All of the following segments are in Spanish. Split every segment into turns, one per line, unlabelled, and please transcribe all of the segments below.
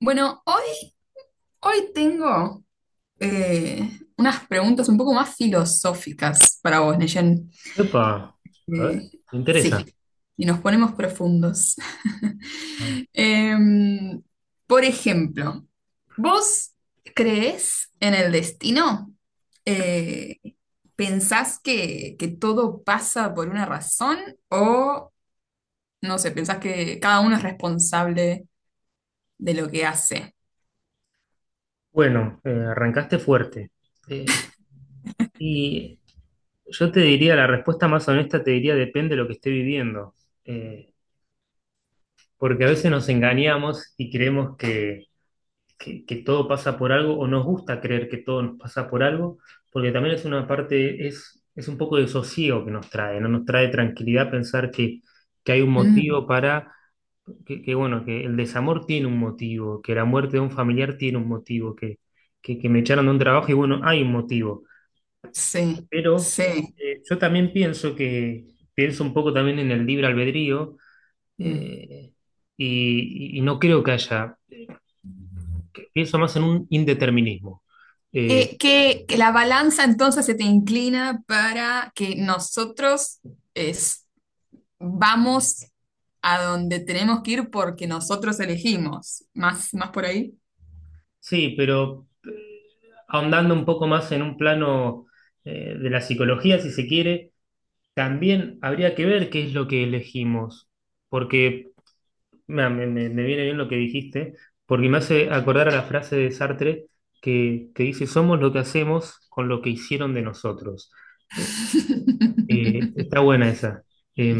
Bueno, hoy, hoy tengo eh, unas preguntas un poco más filosóficas para vos, Neyen.
Epa, a ver,
Eh,
me interesa.
sí, y nos ponemos profundos. Em, por ejemplo, ¿vos crees en el destino? Eh, ¿Pensás que todo pasa por una razón? ¿O, no sé, pensás que cada uno es responsable de lo que hace?
Bueno, arrancaste fuerte. Eh, y yo te diría, la respuesta más honesta te diría, depende de lo que esté viviendo. Eh, Porque a veces nos engañamos y creemos que todo pasa por algo, o nos gusta creer que todo nos pasa por algo, porque también es una parte, es un poco de sosiego que nos trae, ¿no? Nos trae tranquilidad pensar que hay un
Mm,
motivo para que, bueno, que el desamor tiene un motivo, que la muerte de un familiar tiene un motivo, que me echaron de un trabajo y bueno, hay un motivo.
sí,
Pero
sí.
yo también pienso pienso un poco también en el libre albedrío
Mm.
eh, y no creo que haya, que pienso más en un indeterminismo. Eh,
Que la balanza entonces se te inclina para que nosotros es, vamos a donde tenemos que ir porque nosotros elegimos. ¿Más, más por ahí?
sí, pero ahondando un poco más en un plano de la psicología, si se quiere, también habría que ver qué es lo que elegimos, porque me viene bien lo que dijiste, porque me hace acordar a la frase de Sartre que dice, somos lo que hacemos con lo que hicieron de nosotros. Eh, está buena esa. Eh,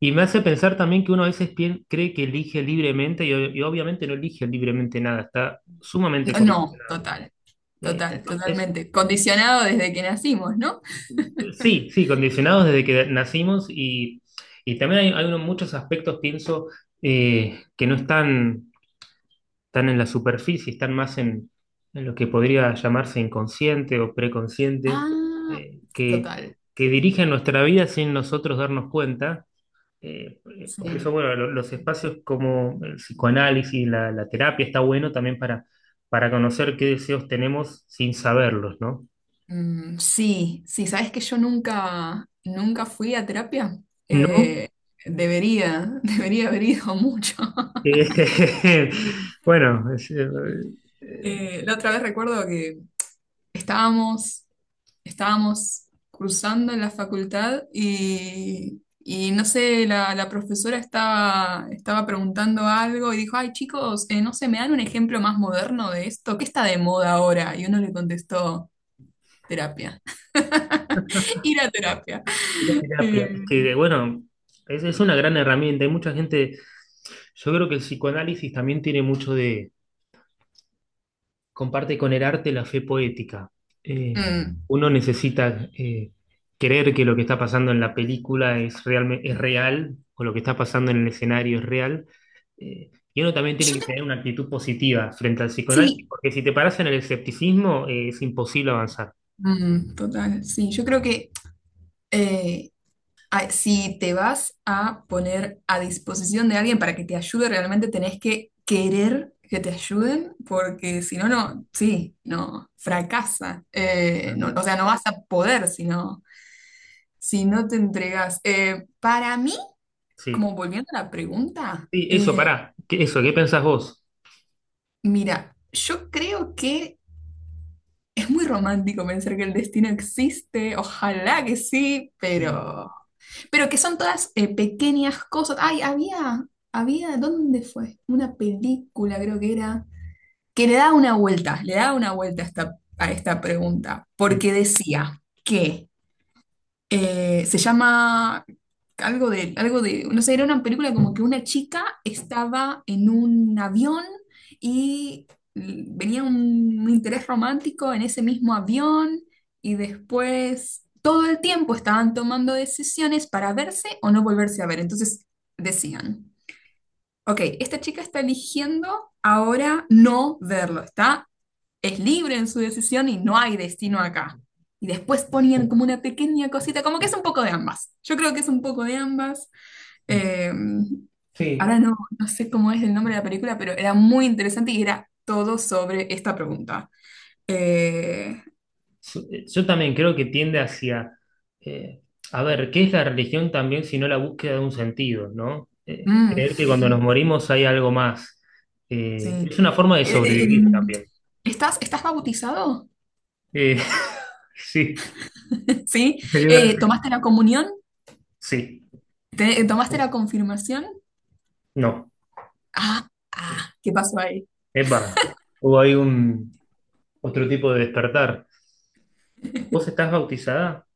y me hace pensar también que uno a veces cree que elige libremente y obviamente no elige libremente nada, está sumamente...
No, no, total, total,
entonces,
totalmente. Condicionado desde que nacimos, ¿no?
sí, condicionados desde que nacimos y también hay muchos aspectos, pienso, que no están están en la superficie, están más en lo que podría llamarse inconsciente o preconsciente,
Ah,
eh, que,
total,
que dirigen nuestra vida sin nosotros darnos cuenta. Eh, por eso,
sí.
bueno, los espacios como el psicoanálisis, la terapia, está bueno también para conocer qué deseos tenemos sin saberlos, ¿no?
Mm, sí, sí, sabes que yo nunca, nunca fui a terapia.
¿No?
Eh, Debería, debería haber ido mucho.
Eh, bueno, eh,
La otra vez recuerdo que estábamos, estábamos cruzando en la facultad y no sé, la profesora estaba preguntando algo y dijo, ay chicos, no sé, ¿me dan un ejemplo más moderno de esto? ¿Qué está de moda ahora? Y uno le contestó, terapia, ir a terapia.
la
Eh,
terapia, es que bueno, es una gran herramienta. Hay mucha gente, yo creo que el psicoanálisis también tiene mucho de, comparte con el arte la fe poética. Eh,
mm.
Uno necesita creer que lo que está pasando en la película es
Yo
real o lo que está pasando en el escenario es real. Y uno también tiene que
te-
tener una actitud positiva frente al psicoanálisis,
sí,
porque si te paras en el escepticismo, es imposible avanzar.
mm, total, sí, yo creo que eh, si te vas a poner a disposición de alguien para que te ayude, realmente tenés que querer que te ayuden, porque si no, no, sí, no, fracasa.
Tal
No,
cual.
o sea, no vas a poder si no, si no te entregas. Para mí, como
Sí.
volviendo a la pregunta,
Sí, eso, pará. Eso, ¿qué pensás vos?
mira, yo creo que... Es muy romántico pensar que el destino existe, ojalá que sí, pero que son todas pequeñas cosas. Ay, había, ¿dónde fue? Una película, creo que era, que le da una vuelta, le da una vuelta a a esta pregunta,
Sí.
porque decía que se llama algo de, no sé, era una película como que una chica estaba en un avión y venía un interés romántico en ese mismo avión y después todo el tiempo estaban tomando decisiones para verse o no volverse a ver. Entonces decían, ok, esta chica está eligiendo ahora no verlo, está es libre en su decisión y no hay destino acá. Y después ponían como una pequeña cosita, como que es un poco de ambas. Yo creo que es un poco de ambas.
Mm.
Eh,
Sí,
Ahora no, no sé cómo es el nombre de la película, pero era muy interesante y era todo sobre esta pregunta. Eh,
Yo yo también creo que tiende hacia, eh, a ver, ¿qué es la religión también si no la búsqueda de un sentido, ¿no?
mm,
Creer que cuando nos morimos hay algo más.
sí.
Es una forma de
Eh,
sobrevivir
em,
también.
¿Estás, estás bautizado?
Eh, sí,
¿Sí?
sería verdad.
¿Tomaste la comunión?
Sí,
¿Tomaste la confirmación?
no,
Ah, ah, ¿qué pasó ahí?
epa, hubo ahí un otro tipo de despertar. ¿Vos estás bautizada?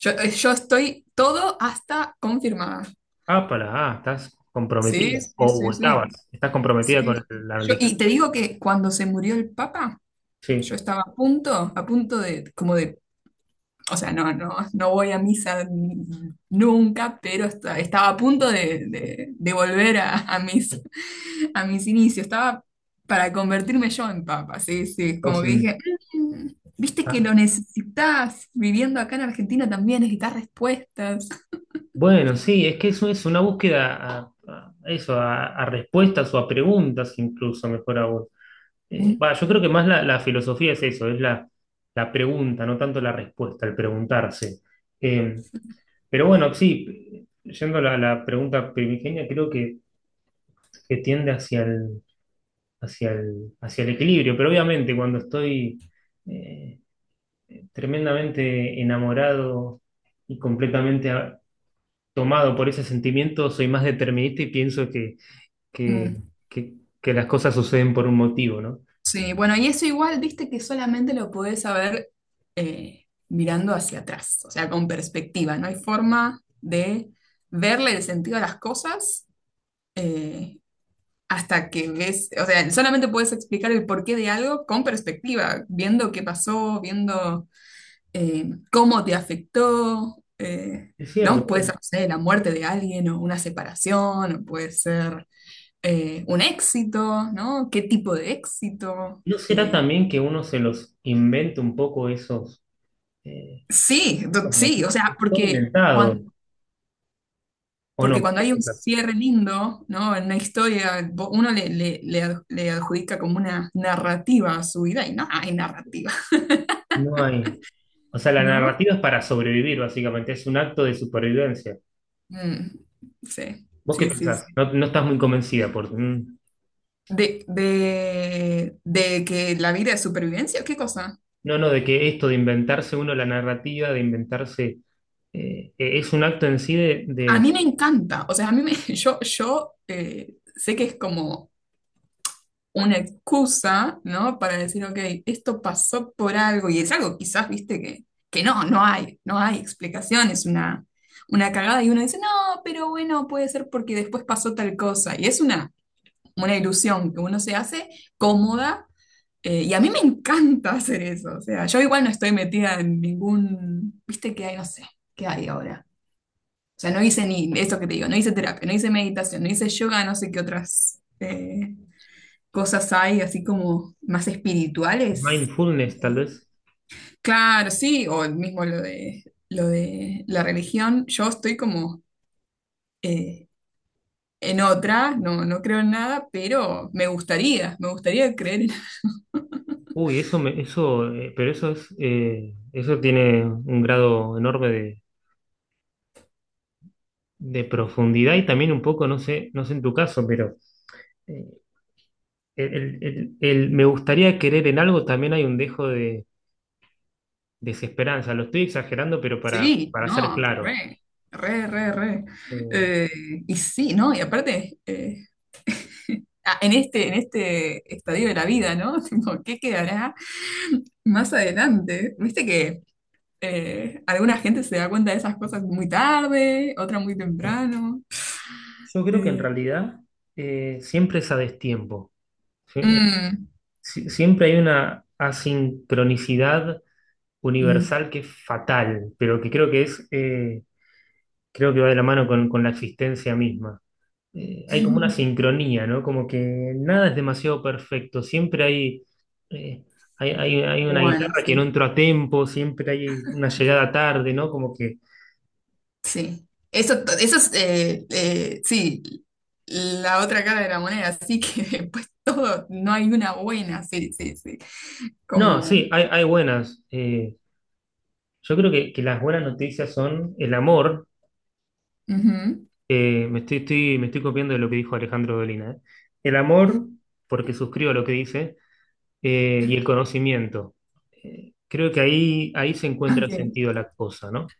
Yo, yo estoy todo hasta confirmada.
Ah, para, ah, estás
Sí,
comprometida,
sí,
o
sí,
estabas,
sí.
estás comprometida con
Sí.
la
Yo,
religión.
y te digo que cuando se murió el Papa, yo
Sí,
estaba a punto de, como de, o sea, no, no, no voy a misa nunca, pero estaba a punto de, de volver a mis inicios. Estaba para convertirme yo en Papa, sí, sí.
vos
Como que
sí.
dije, "Mm, viste que
Ah.
lo necesitas, viviendo acá en Argentina también necesitas respuestas.
Bueno, sí, es que eso es una búsqueda a eso, a respuestas o a preguntas incluso, mejor aún.
Mm.
Va, yo creo que más la filosofía es eso, es la, la pregunta, no tanto la respuesta, el preguntarse. Eh, pero bueno, sí, yendo a la pregunta primigenia, creo que tiende hacia hacia el equilibrio, pero obviamente cuando estoy eh, tremendamente enamorado y completamente tomado por ese sentimiento, soy más determinista y pienso que,
Mm.
que- que las cosas suceden por un motivo, ¿no?
Sí, bueno, y eso igual, viste que solamente lo podés saber mirando hacia atrás, o sea, con perspectiva. No hay forma de verle el sentido a las cosas eh, hasta que ves, o sea, solamente puedes explicar el porqué de algo con perspectiva, viendo qué pasó, viendo cómo te afectó,
Es cierto.
¿no? Puede ser, no sé, la muerte de alguien o una separación, o puede ser un éxito, ¿no? ¿Qué tipo de éxito?
¿No será también que uno se los inventa un poco esos, eh,
Sí,
esos
sí, o
motivos?
sea,
Es todo inventado, ¿o
porque
no?
cuando
¿Qué
hay un
pensás?
cierre lindo, ¿no? En una historia, uno le le adjudica como una narrativa a su vida y no hay narrativa,
No hay. O sea, la
¿no?
narrativa es para sobrevivir, básicamente, es un acto de supervivencia.
Mm, sí,
¿Vos qué
sí, sí, sí.
pensás? No, no estás muy convencida por... mm.
De que la vida es supervivencia, ¿qué cosa?
No, no, de que esto de inventarse uno la narrativa, de inventarse... es un acto en sí de
A
de-
mí me encanta, o sea, a mí me, yo sé que es como una excusa, ¿no? Para decir, ok, esto pasó por algo, y es algo quizás, viste, que no, no hay, no hay explicación, es una cagada, y uno dice, no, pero bueno, puede ser porque después pasó tal cosa, y es una ilusión que uno se hace cómoda, y a mí me encanta hacer eso, o sea, yo igual no estoy metida en ningún, viste, que hay, no sé, qué hay ahora. O sea, no hice ni esto que te digo, no hice terapia, no hice meditación, no hice yoga, no sé qué otras cosas hay así como más espirituales.
Mindfulness, tal vez.
Claro, sí, o el mismo lo de la religión. Yo estoy como eh, en otra, no, no creo en nada, pero me gustaría creer en...
Uy, eso me, eso, pero eso es, eso tiene un grado enorme de profundidad y también un poco, no sé, no sé en tu caso, pero eh, el me gustaría querer en algo también hay un dejo de desesperanza. Lo estoy exagerando, pero
Sí,
para ser
no,
claro.
re, re, re, re.
Eh,
Eh, y sí, ¿no? Y aparte, ah, en este estadio de la vida, ¿no? Tipo, ¿qué quedará más adelante? Viste que... alguna gente se da cuenta de esas cosas muy tarde, otra muy temprano.
yo creo que en
Eh,
realidad siempre es a destiempo. Sie-
mm,
Siempre hay una asincronicidad
mm.
universal que es fatal, pero que creo que es. Creo que va de la mano con la existencia misma. Hay como una sincronía, ¿no? Como que nada es demasiado perfecto, siempre eh, hay una
Bueno,
guitarra que
sí,
no entró a tiempo, siempre hay una llegada tarde, ¿no? Como que...
sí. Eso, eso es, sí, la otra cara de la moneda, así que pues todo, no hay una buena, sí, sí, sí.
No,
Como,
sí, hay buenas. Yo creo que las buenas noticias son el amor.
ujú,
Me estoy copiando de lo que dijo Alejandro Dolina, ¿eh? El amor, porque suscribo lo que dice, y el conocimiento. Creo que ahí, ahí se encuentra
ok,
sentido la cosa, ¿no?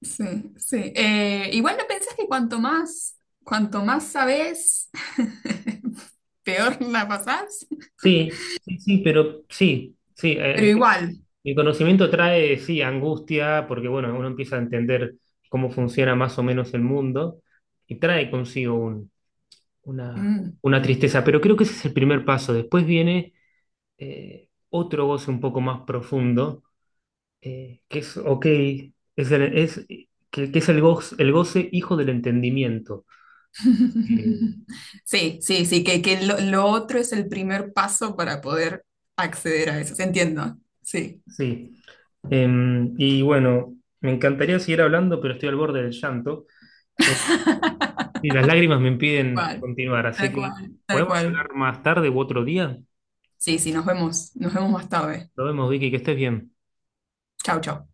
sí, sí. Igual no pensás que cuanto más sabés, peor la pasás,
Sí, sí, sí, pero sí, sí,
pero igual.
el conocimiento trae, sí, angustia, porque bueno, uno empieza a entender cómo funciona más o menos el mundo y trae consigo una,
Mm,
una tristeza, pero creo que ese es el primer paso. Después viene otro goce un poco más profundo, que es, ok, es el, es, que es el goce hijo del entendimiento. Eh,
sí, sí, sí, que lo otro es el primer paso para poder acceder a eso. ¿Se Entiendo. Sí,
sí, y bueno, me encantaría seguir hablando, pero estoy al borde del llanto. Y las lágrimas me
tal
impiden
cual,
continuar, así
tal
que
cual, tal
podemos
cual.
hablar más tarde u otro día.
Sí, sí, nos vemos más tarde.
Nos vemos, Vicky, que estés bien.
Chau, chau.